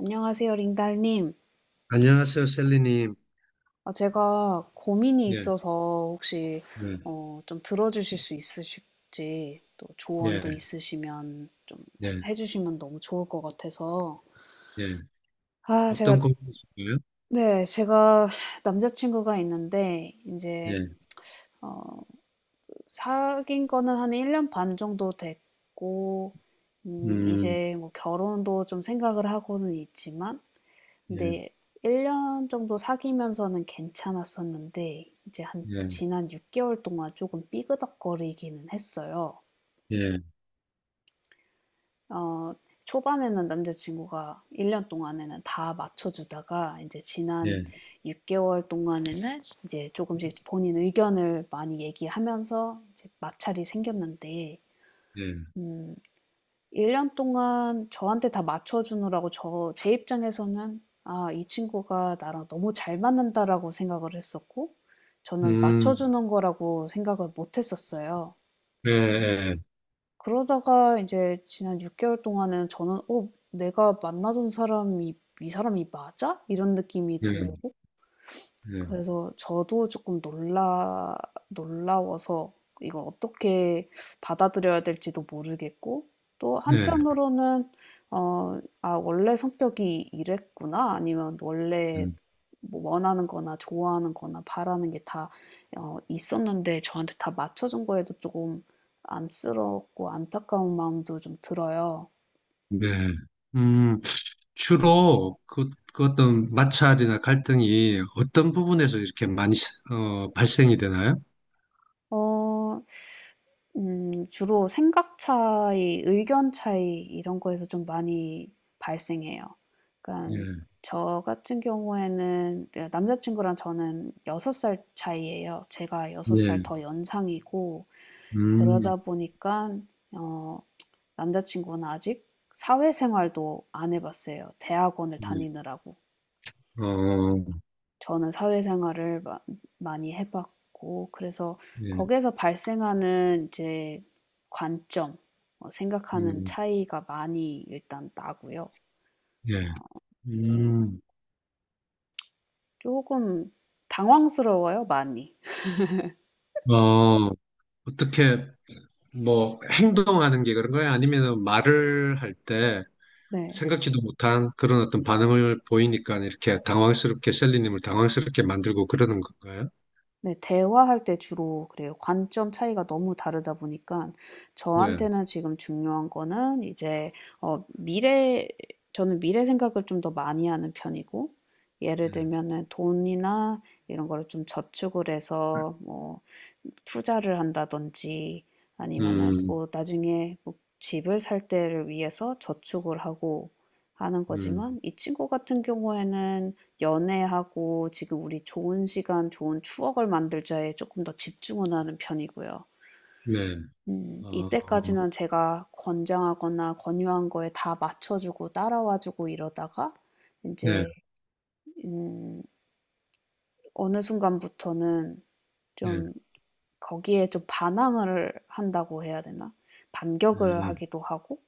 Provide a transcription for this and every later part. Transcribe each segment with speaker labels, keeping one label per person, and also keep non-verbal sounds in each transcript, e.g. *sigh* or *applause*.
Speaker 1: 안녕하세요, 링달님.
Speaker 2: 안녕하세요, 셀리님.
Speaker 1: 아, 제가 고민이
Speaker 2: 예,
Speaker 1: 있어서 혹시
Speaker 2: 네,
Speaker 1: 좀 들어주실 수 있으실지 또
Speaker 2: 예,
Speaker 1: 조언도 있으시면 좀
Speaker 2: 예,
Speaker 1: 해주시면 너무 좋을 것 같아서.
Speaker 2: 예.
Speaker 1: 아, 제가
Speaker 2: 어떤 고민이신가요?
Speaker 1: 네, 제가 남자친구가 있는데 이제
Speaker 2: 예,
Speaker 1: 어, 사귄 거는 한 1년 반 정도 됐고
Speaker 2: 음,
Speaker 1: 이제 뭐 결혼도 좀 생각을 하고는 있지만
Speaker 2: 예,
Speaker 1: 근데 1년 정도 사귀면서는 괜찮았었는데 이제 한
Speaker 2: 예,
Speaker 1: 지난 6 개월 동안 조금 삐그덕거리기는 했어요.
Speaker 2: 예,
Speaker 1: 어 초반에는 남자 친구가 1년 동안에는 다 맞춰 주다가 이제 지난
Speaker 2: 예,
Speaker 1: 6 개월 동안에는 이제 조금씩 본인 의견을 많이 얘기하면서 이제 마찰이 생겼는데
Speaker 2: 예,
Speaker 1: 음 1년 동안 저한테 다 맞춰 주느라고 제 입장에서는 '아 이 친구가 나랑 너무 잘 맞는다.'라고 생각을 했었고 저는 맞춰
Speaker 2: 음,
Speaker 1: 주는 거라고 생각을 못 했었어요.
Speaker 2: 예, 예,
Speaker 1: 그러다가 인제 지난 6 개월 동안은 저는 '어 내가 만나던 사람이 이 사람이 맞아?' 이런 느낌이
Speaker 2: 예, 예,
Speaker 1: 들고 그래서 저도 조금 놀라워서 이걸 어떻게 받아들여야 될지도 모르겠고 또
Speaker 2: 예,
Speaker 1: 한편으로는 '아 원래 성격이 이랬구나.' 아니면 원래
Speaker 2: 음,
Speaker 1: 뭐 원하는 거나 좋아하는 거나 바라는 게 다 있었는데 저한테 다 맞춰 준 거에도 조금 안쓰럽고 안타까운 마음도 좀 들어요.
Speaker 2: 네. 음, 주로 그 어떤 마찰이나 갈등이 어떤 부분에서 이렇게 많이 발생이 되나요?
Speaker 1: 어 주로 생각 차이, 의견 차이 이런 거에서 좀 많이 발생해요. 그러니까
Speaker 2: 예,
Speaker 1: 저 같은 경우에는 네, 남자 친구랑 저는 6살 차이예요. 제가 6살
Speaker 2: 예,
Speaker 1: 더 연상이고
Speaker 2: 음,
Speaker 1: 그러다 보니까 어 남자 친구는 아직 사회생활도 안 해 봤어요, 대학원을
Speaker 2: 예,
Speaker 1: 다니느라고.
Speaker 2: 어,
Speaker 1: 저는 사회생활을 마 많이 해 봤고 그래서
Speaker 2: 예,
Speaker 1: 거기에서 발생하는 이제 관점 생각하는
Speaker 2: 음,
Speaker 1: 차이가 많이 일단 나고요.
Speaker 2: 예,
Speaker 1: 음
Speaker 2: 음.
Speaker 1: 금 당황스러워요 많이.
Speaker 2: 어, 어떻게 뭐 행동하는 게 그런 거야? 아니면 말을 할 때
Speaker 1: 네.
Speaker 2: 생각지도 못한 그런 어떤 반응을 보이니까 이렇게 당황스럽게 셀리님을 당황스럽게 만들고 그러는 건가요?
Speaker 1: 네. 대화할 때 주로 그래요. 관점 차이가 너무 다르다 보니까
Speaker 2: 네.
Speaker 1: 저한테는 지금 중요한 거는 이제 어 미래 저는 미래 생각을 좀 더 많이 하는 편이고 예를 들면은 돈이나 이런 거를 좀 저축을 해서 뭐 투자를 한다든지 아니면은
Speaker 2: 음,
Speaker 1: 뭐 나중에 뭐 집을 살 때를 위해서 저축을 하고 하는
Speaker 2: 음,
Speaker 1: 거지만 이 친구 같은 경우에는 연애하고 지금 우리 좋은 시간, 좋은 추억을 만들자에 조금 더 집중을 하는 편이고요.
Speaker 2: 네. 어,
Speaker 1: 이때까지는 제가 권장하거나 권유한 거에 다 맞춰주고 따라와주고 이러다가
Speaker 2: 네,
Speaker 1: 이제 음, 어느 순간부터는
Speaker 2: 네,
Speaker 1: 좀 거기에 좀 반항을 한다고 해야 되나? 반격을
Speaker 2: 네,
Speaker 1: 하기도 하고.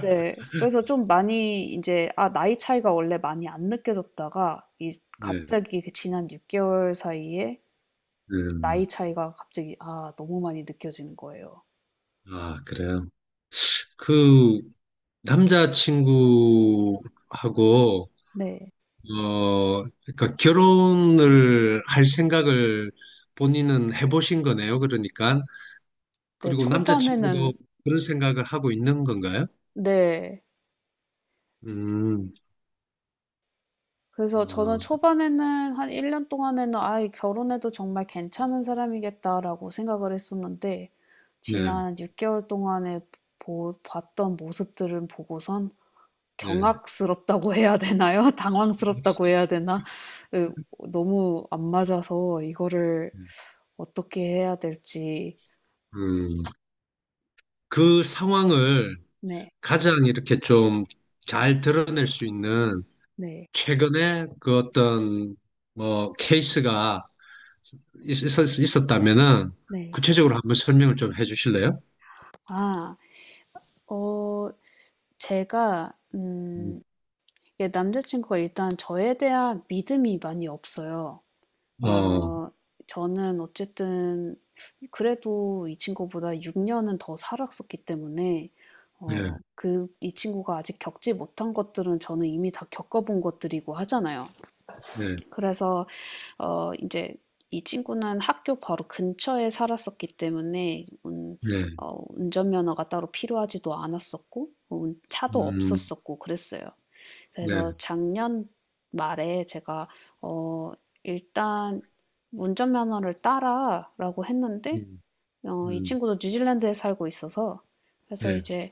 Speaker 1: 네. 그래서 좀 많이 이제 아 나이 차이가 원래 많이 안 느껴졌다가 이
Speaker 2: 네. 네.
Speaker 1: 갑자기 그 지난 6 개월 사이에 나이
Speaker 2: 음.
Speaker 1: 차이가 갑자기 아 너무 많이 느껴지는 거예요.
Speaker 2: 아, 그래요. 그 남자친구하고
Speaker 1: 네.
Speaker 2: 어, 그러니까 결혼을 할 생각을 본인은 해보신 거네요. 그러니까.
Speaker 1: 네
Speaker 2: 그리고 남자친구도
Speaker 1: 초반에는.
Speaker 2: 그런 생각을 하고 있는 건가요?
Speaker 1: 네.
Speaker 2: 음,
Speaker 1: 그래서 저는
Speaker 2: 아,
Speaker 1: 초반에는 한 1년 동안에는 '아 이 결혼해도 정말 괜찮은 사람이겠다.'라고 생각을 했었는데
Speaker 2: 네,
Speaker 1: 지난 6개월 동안에 봤던 모습들을 보고선
Speaker 2: 네.
Speaker 1: 경악스럽다고 해야 되나요? *laughs* 당황스럽다고 해야 되나? 너무 안 맞아서 이거를 어떻게 해야 될지.
Speaker 2: 음, 그 상황을
Speaker 1: 네,
Speaker 2: 가장 이렇게 좀 잘 드러낼 수 있는
Speaker 1: 네,
Speaker 2: 최근에 그 어떤 뭐 케이스가 있었다면은
Speaker 1: 네.
Speaker 2: 구체적으로 한번 설명을 좀 해주실래요?
Speaker 1: 아, 어, 제가,
Speaker 2: 음,
Speaker 1: 예, 남자친구가 일단 저에 대한 믿음이 많이 없어요.
Speaker 2: 어,
Speaker 1: 어 저는 어쨌든 그래도 이 친구보다 6 년은 더 살았었기 때문에
Speaker 2: 네,
Speaker 1: 그 이 친구가 아직 겪지 못한 것들은 저는 이미 다 겪어 본 것들이고 하잖아요.
Speaker 2: 네.
Speaker 1: 그래서 이제 이 친구는 학교 바로 근처에 살았었기 때문에 운
Speaker 2: 네,
Speaker 1: 어 운전면허가 따로 필요하지도 않았었고 운 차도
Speaker 2: 음,
Speaker 1: 없었었고 그랬어요.
Speaker 2: 네,
Speaker 1: 그래서 작년 말에 제가 어, 일단 운전면허를 따라라고 했는데
Speaker 2: 음,
Speaker 1: 이
Speaker 2: 음,
Speaker 1: 친구도 뉴질랜드에 살고 있어서 그래서
Speaker 2: 네,
Speaker 1: 이제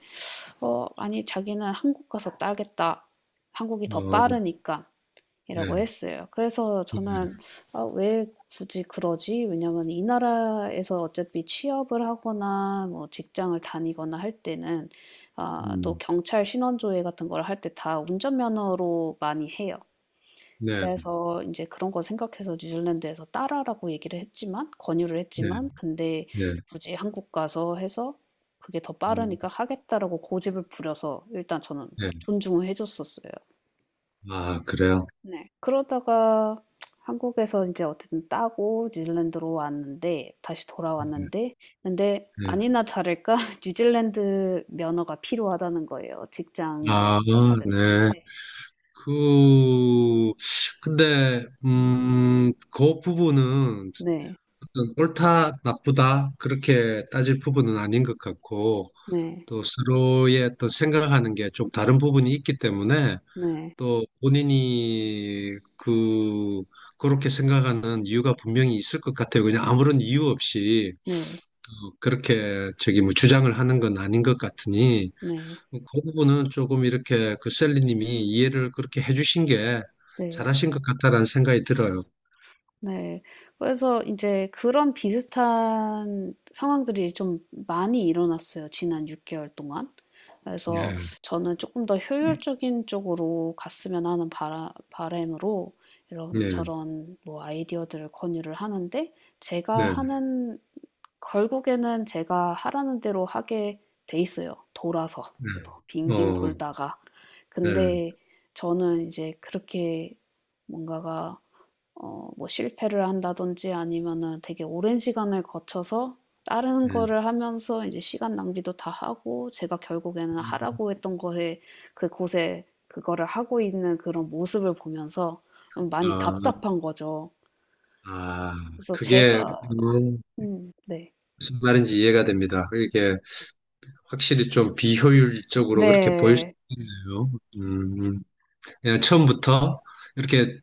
Speaker 1: 아니 자기는 한국 가서 따겠다. 한국이 더
Speaker 2: 어,
Speaker 1: 빠르니까.
Speaker 2: 네,
Speaker 1: 이라고 했어요. 그래서
Speaker 2: 네,
Speaker 1: 저는 '아 왜 굳이 그러지?' 왜냐면 이 나라에서 어차피 취업을 하거나 뭐 직장을 다니거나 할 때는 아 또
Speaker 2: 음,
Speaker 1: 경찰 신원조회 같은 걸 할 때 다 운전면허로 많이 해요.
Speaker 2: 네,
Speaker 1: 그래서 이제 그런 거 생각해서 뉴질랜드에서 따라라고 얘기를 했지만 권유를
Speaker 2: 네,
Speaker 1: 했지만 근데
Speaker 2: 네,
Speaker 1: 굳이 한국 가서 해서 "그게 더
Speaker 2: 음,
Speaker 1: 빠르니까 하겠다."라고 고집을 부려서 일단 저는
Speaker 2: 네,
Speaker 1: 존중을 해 줬었어요.
Speaker 2: 아, 그래요.
Speaker 1: 네. 그러다가 한국에서 이제 어쨌든 따고 뉴질랜드로 왔는데 다시
Speaker 2: 네,
Speaker 1: 돌아왔는데 근데
Speaker 2: 네.
Speaker 1: 아니나 다를까 *laughs* 뉴질랜드 면허가 필요하다는 거예요, 직장 뭐
Speaker 2: 아,
Speaker 1: 이런 거 찾을 때.
Speaker 2: 네. 그, 근데, 그 부분은
Speaker 1: 네.
Speaker 2: 옳다, 나쁘다, 그렇게 따질 부분은 아닌 것 같고,
Speaker 1: 네.
Speaker 2: 또 서로의 또 생각하는 게 좀 다른 부분이 있기 때문에,
Speaker 1: 네.
Speaker 2: 또 본인이 그렇게 생각하는 이유가 분명히 있을 것 같아요. 그냥 아무런 이유 없이
Speaker 1: 네. 네.
Speaker 2: 어, 그렇게 저기 뭐 주장을 하는 건 아닌 것 같으니
Speaker 1: 네.
Speaker 2: 어, 그 부분은 조금 이렇게 그 셀리님이 이해를 그렇게 해주신 게
Speaker 1: 네.
Speaker 2: 잘하신 것 같다라는 생각이 들어요.
Speaker 1: 네. 그래서 이제 그런 비슷한 상황들이 좀 많이 일어났어요, 지난 6 개월 동안.
Speaker 2: 예,
Speaker 1: 그래서 저는 조금 더 효율적인 쪽으로 갔으면 하는 바라 바람으로
Speaker 2: 네,
Speaker 1: 이런저런 뭐 아이디어들을 권유를 하는데 제가
Speaker 2: 네,
Speaker 1: 하는 결국에는 제가 하라는 대로 하게 돼 있어요, 돌아서.
Speaker 2: 네,
Speaker 1: 빙빙
Speaker 2: 어,
Speaker 1: 돌다가.
Speaker 2: 네,
Speaker 1: 근데 저는 이제 그렇게 뭔가가 뭐 실패를 한다든지 아니면은 되게 오랜 시간을 거쳐서 다른
Speaker 2: 네.
Speaker 1: 거를 하면서 이제 시간 낭비도 다 하고 제가 결국에는 하라고 했던 거에 그곳에 그거를 하고 있는 그런 모습을 보면서 좀 많이
Speaker 2: 아,
Speaker 1: 답답한 거죠.
Speaker 2: 아,
Speaker 1: 그래서
Speaker 2: 그게
Speaker 1: 제가
Speaker 2: 음,
Speaker 1: 네.
Speaker 2: 무슨 말인지 이해가 됩니다. 이게 확실히 좀 비효율적으로 그렇게 보일 수
Speaker 1: 네.
Speaker 2: 있네요. 음, 음. 그냥 처음부터 이렇게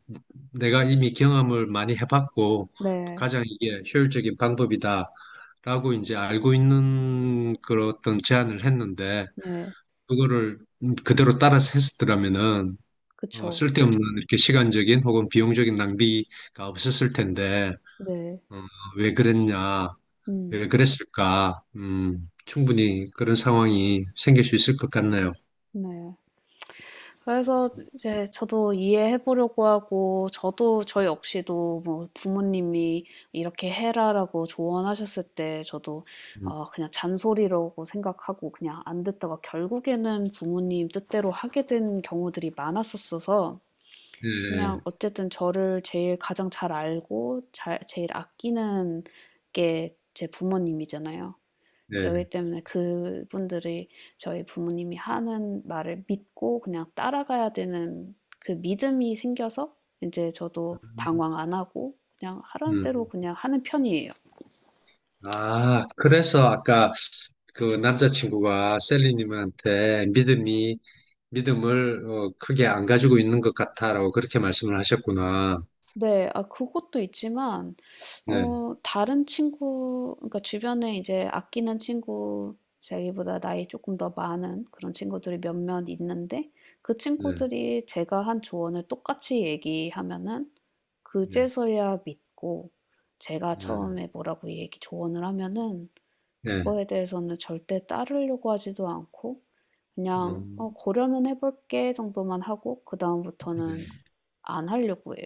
Speaker 2: 내가 이미 경험을 많이 해봤고
Speaker 1: 네.
Speaker 2: 가장 이게 효율적인 방법이다라고 이제 알고 있는 그런 어떤 제안을 했는데
Speaker 1: 네.
Speaker 2: 그거를 그대로 따라서 했었더라면은 어,
Speaker 1: 그쵸.
Speaker 2: 쓸데없는 이렇게 시간적인 혹은 비용적인 낭비가 없었을 텐데
Speaker 1: 네.
Speaker 2: 어, 왜 그랬냐
Speaker 1: 음.
Speaker 2: 왜 그랬을까? 충분히 그런 상황이 생길 수 있을 것 같네요.
Speaker 1: 네. 그래서 이제 저도 이해해 보려고 하고, 저도 저 역시도 뭐 부모님이 이렇게 해라라고 조언하셨을 때 저도
Speaker 2: 음,
Speaker 1: 그냥 잔소리라고 생각하고 그냥 안 듣다가 결국에는 부모님 뜻대로 하게 된 경우들이 많았었어서 그냥 어쨌든 저를 제일 가장 잘 알고 제일 아끼는 게 제 부모님이잖아요.
Speaker 2: 네, 네.
Speaker 1: 그러기 때문에 그분들이 저희 부모님이 하는 말을 믿고 그냥 따라가야 되는 그 믿음이 생겨서 이제 저도 방황 안 하고 그냥 하라는 대로
Speaker 2: 음.
Speaker 1: 그냥 하는 편이에요.
Speaker 2: 아, 그래서 아까 그 남자친구가 믿음을 어, 크게 안 가지고 있는 것 같아라고 그렇게 말씀을 하셨구나.
Speaker 1: 네. 아 그것도 있지만
Speaker 2: 네,
Speaker 1: 다른 친구, 그러니까 주변에 이제 아끼는 친구, 자기보다 나이 조금 더 많은 그런 친구들이 몇몇 있는데, 그
Speaker 2: 네,
Speaker 1: 친구들이 제가 한 조언을 똑같이 얘기하면은
Speaker 2: 네,
Speaker 1: 그제서야 믿고, 제가
Speaker 2: 네,
Speaker 1: 처음에 뭐라고 얘기 조언을 하면은
Speaker 2: 네.
Speaker 1: 그거에 대해서는 절대 따르려고 하지도 않고 그냥 "어
Speaker 2: 음,
Speaker 1: 고려는 해 볼게." 정도만 하고 그다음부터는
Speaker 2: 네.
Speaker 1: 안 하려고 해요.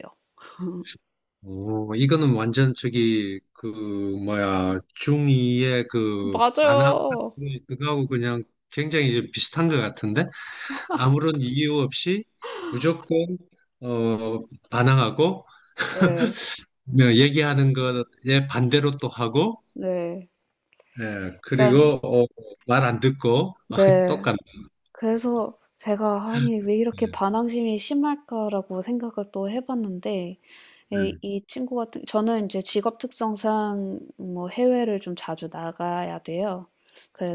Speaker 2: 어, 이거는 완전 저기 그 뭐야 중이의 그 반항
Speaker 1: 맞아요.
Speaker 2: 그거하고 그냥 굉장히 좀 비슷한 것 같은데 아무런 이유 없이 무조건 어 반항하고
Speaker 1: 네.
Speaker 2: 뭐 얘기하는 것에 반대로 또 하고
Speaker 1: 네.
Speaker 2: 예
Speaker 1: 그러니까
Speaker 2: 그리고 어, 말안 듣고 *laughs*
Speaker 1: 네.
Speaker 2: 똑같네
Speaker 1: 그래서 제가 '아니 왜 이렇게
Speaker 2: 예,
Speaker 1: 반항심이 심할까?'라고 생각을 또 해 봤는데, 예. 이 친구 같은 저는 인제 직업 특성상 뭐 해외를 좀 자주 나가야 돼요.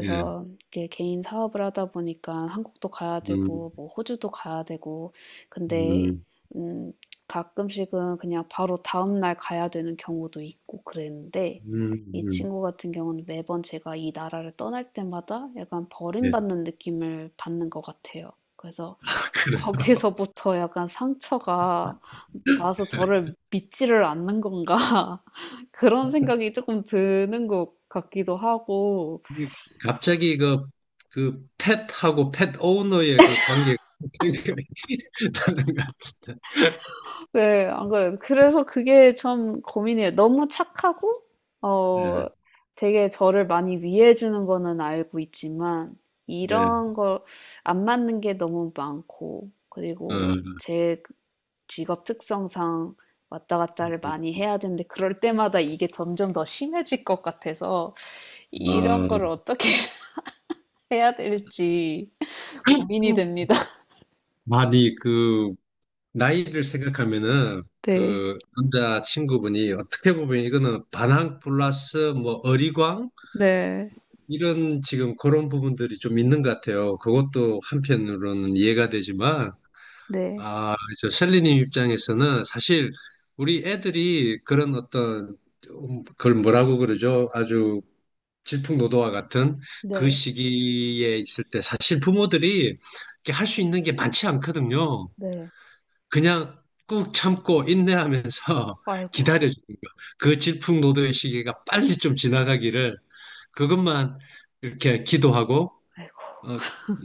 Speaker 2: 예.
Speaker 1: 이게 개인 사업을 하다 보니까 한국도 가야
Speaker 2: 음,
Speaker 1: 되고 뭐 호주도 가야 되고 근데
Speaker 2: 음,
Speaker 1: 음 가끔씩은 그냥 바로 다음 날 가야 되는 경우도 있고 그랬는데,
Speaker 2: 음,
Speaker 1: 이
Speaker 2: 음,
Speaker 1: 친구 같은 경우는 매번 제가 이 나라를 떠날 때마다 약간
Speaker 2: 예.
Speaker 1: 버림받는 느낌을 받는 것 같아요. 그래서
Speaker 2: *laughs* 아,
Speaker 1: 거기서부터 약간 상처가 나서
Speaker 2: 그래
Speaker 1: 저를 믿지를 않는 건가 *laughs* 그런 생각이 조금 드는 것 같기도 하고.
Speaker 2: 그 갑자기 그 펫하고 펫 오너의 그 관계가 *laughs* 생각이 나는 것 같은데.
Speaker 1: 네, 안 그래요. 그래서 그게 참 고민이에요. 너무 착하고
Speaker 2: 예,
Speaker 1: 어 되게 저를 많이 위해 주는 거는 알고 있지만
Speaker 2: 예,
Speaker 1: 이런 걸, 안 맞는 게 너무 많고, 그리고
Speaker 2: 어,
Speaker 1: 제 직업 특성상 왔다 갔다를 많이 해야 되는데 그럴 때마다 이게 점점 더 심해질 것 같아서 이런 거를
Speaker 2: 어.
Speaker 1: 어떻게 *laughs* 해야 될지 고민이 됩니다.
Speaker 2: 아니, 그, 나이를 생각하면은,
Speaker 1: 네.
Speaker 2: 그, 남자 친구분이 어떻게 보면 이거는 반항 플러스 뭐 어리광?
Speaker 1: 네.
Speaker 2: 이런 지금 그런 부분들이 좀 있는 것 같아요. 그것도 한편으로는 이해가 되지만,
Speaker 1: 네.
Speaker 2: 아, 저 셀리님 입장에서는 사실 우리 애들이 그런 어떤 그걸 뭐라고 그러죠? 아주 질풍노도와 같은 그
Speaker 1: 네.
Speaker 2: 시기에 있을 때 사실 부모들이 할 수 있는 게 많지 않거든요.
Speaker 1: 네.
Speaker 2: 그냥 꾹 참고 인내하면서 *laughs*
Speaker 1: 아이고.
Speaker 2: 기다려주는 거. 그 질풍노도의 시기가 빨리 좀 지나가기를 그것만 이렇게 기도하고
Speaker 1: 아이고.
Speaker 2: 어,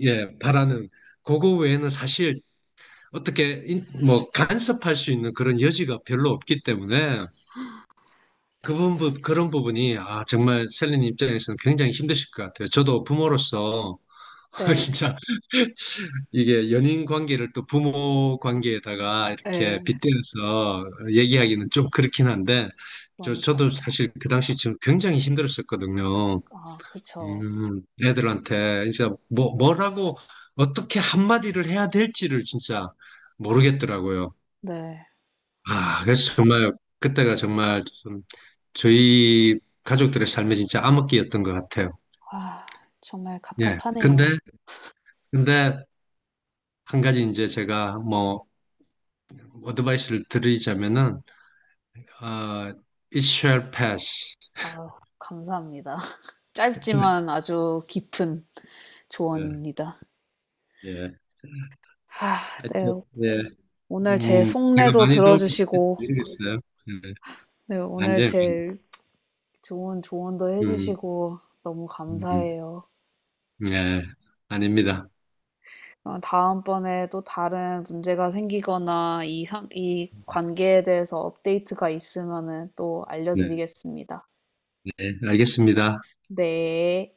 Speaker 2: 예, 바라는 그거 외에는 사실 어떻게 뭐 간섭할 수 있는 그런 여지가 별로 없기 때문에 그 부분 그런 부분이 아 정말 셀린 입장에서는 굉장히 힘드실 것 같아요. 저도 부모로서 *laughs*
Speaker 1: 네.
Speaker 2: 진짜 이게 연인 관계를 또 부모 관계에다가 이렇게
Speaker 1: 네.
Speaker 2: 빗대어서 얘기하기는 좀 그렇긴 한데 저도
Speaker 1: 그러니깐요.
Speaker 2: 사실 그 당시 지금 굉장히 힘들었었거든요.
Speaker 1: 아 그쵸.
Speaker 2: 애들한테 진짜 뭐라고 어떻게 한마디를 해야 될지를 진짜 모르겠더라고요.
Speaker 1: 네. 아휴.
Speaker 2: 아, 그래서 정말 그때가 정말 좀 저희 가족들의 삶에 진짜 암흑기였던 것 같아요.
Speaker 1: 아 정말
Speaker 2: 예.
Speaker 1: 갑갑하네요.
Speaker 2: 근데 한 가지 이제 제가 뭐 어드바이스를 드리자면은 어, it shall pass.
Speaker 1: 아 감사합니다. *laughs* 짧지만
Speaker 2: *laughs*
Speaker 1: 아주 깊은
Speaker 2: 예.
Speaker 1: 조언입니다.
Speaker 2: 예.
Speaker 1: 아 네.
Speaker 2: 하여튼 예.
Speaker 1: 오늘 제
Speaker 2: 제가
Speaker 1: 속내도
Speaker 2: 많이 도움이 됐는지
Speaker 1: 들어주시고,
Speaker 2: 모르겠어요. 예.
Speaker 1: 네,
Speaker 2: 안
Speaker 1: 오늘
Speaker 2: 돼요.
Speaker 1: 제 좋은 조언도
Speaker 2: 음,
Speaker 1: 해주시고, 너무
Speaker 2: 음, 음.
Speaker 1: 감사해요.
Speaker 2: 예. 아닙니다.
Speaker 1: 다음번에 또 다른 문제가 생기거나 이 관계에 대해서 업데이트가 있으면은 또
Speaker 2: 네,
Speaker 1: 알려드리겠습니다.
Speaker 2: 네. 알겠습니다.
Speaker 1: 네.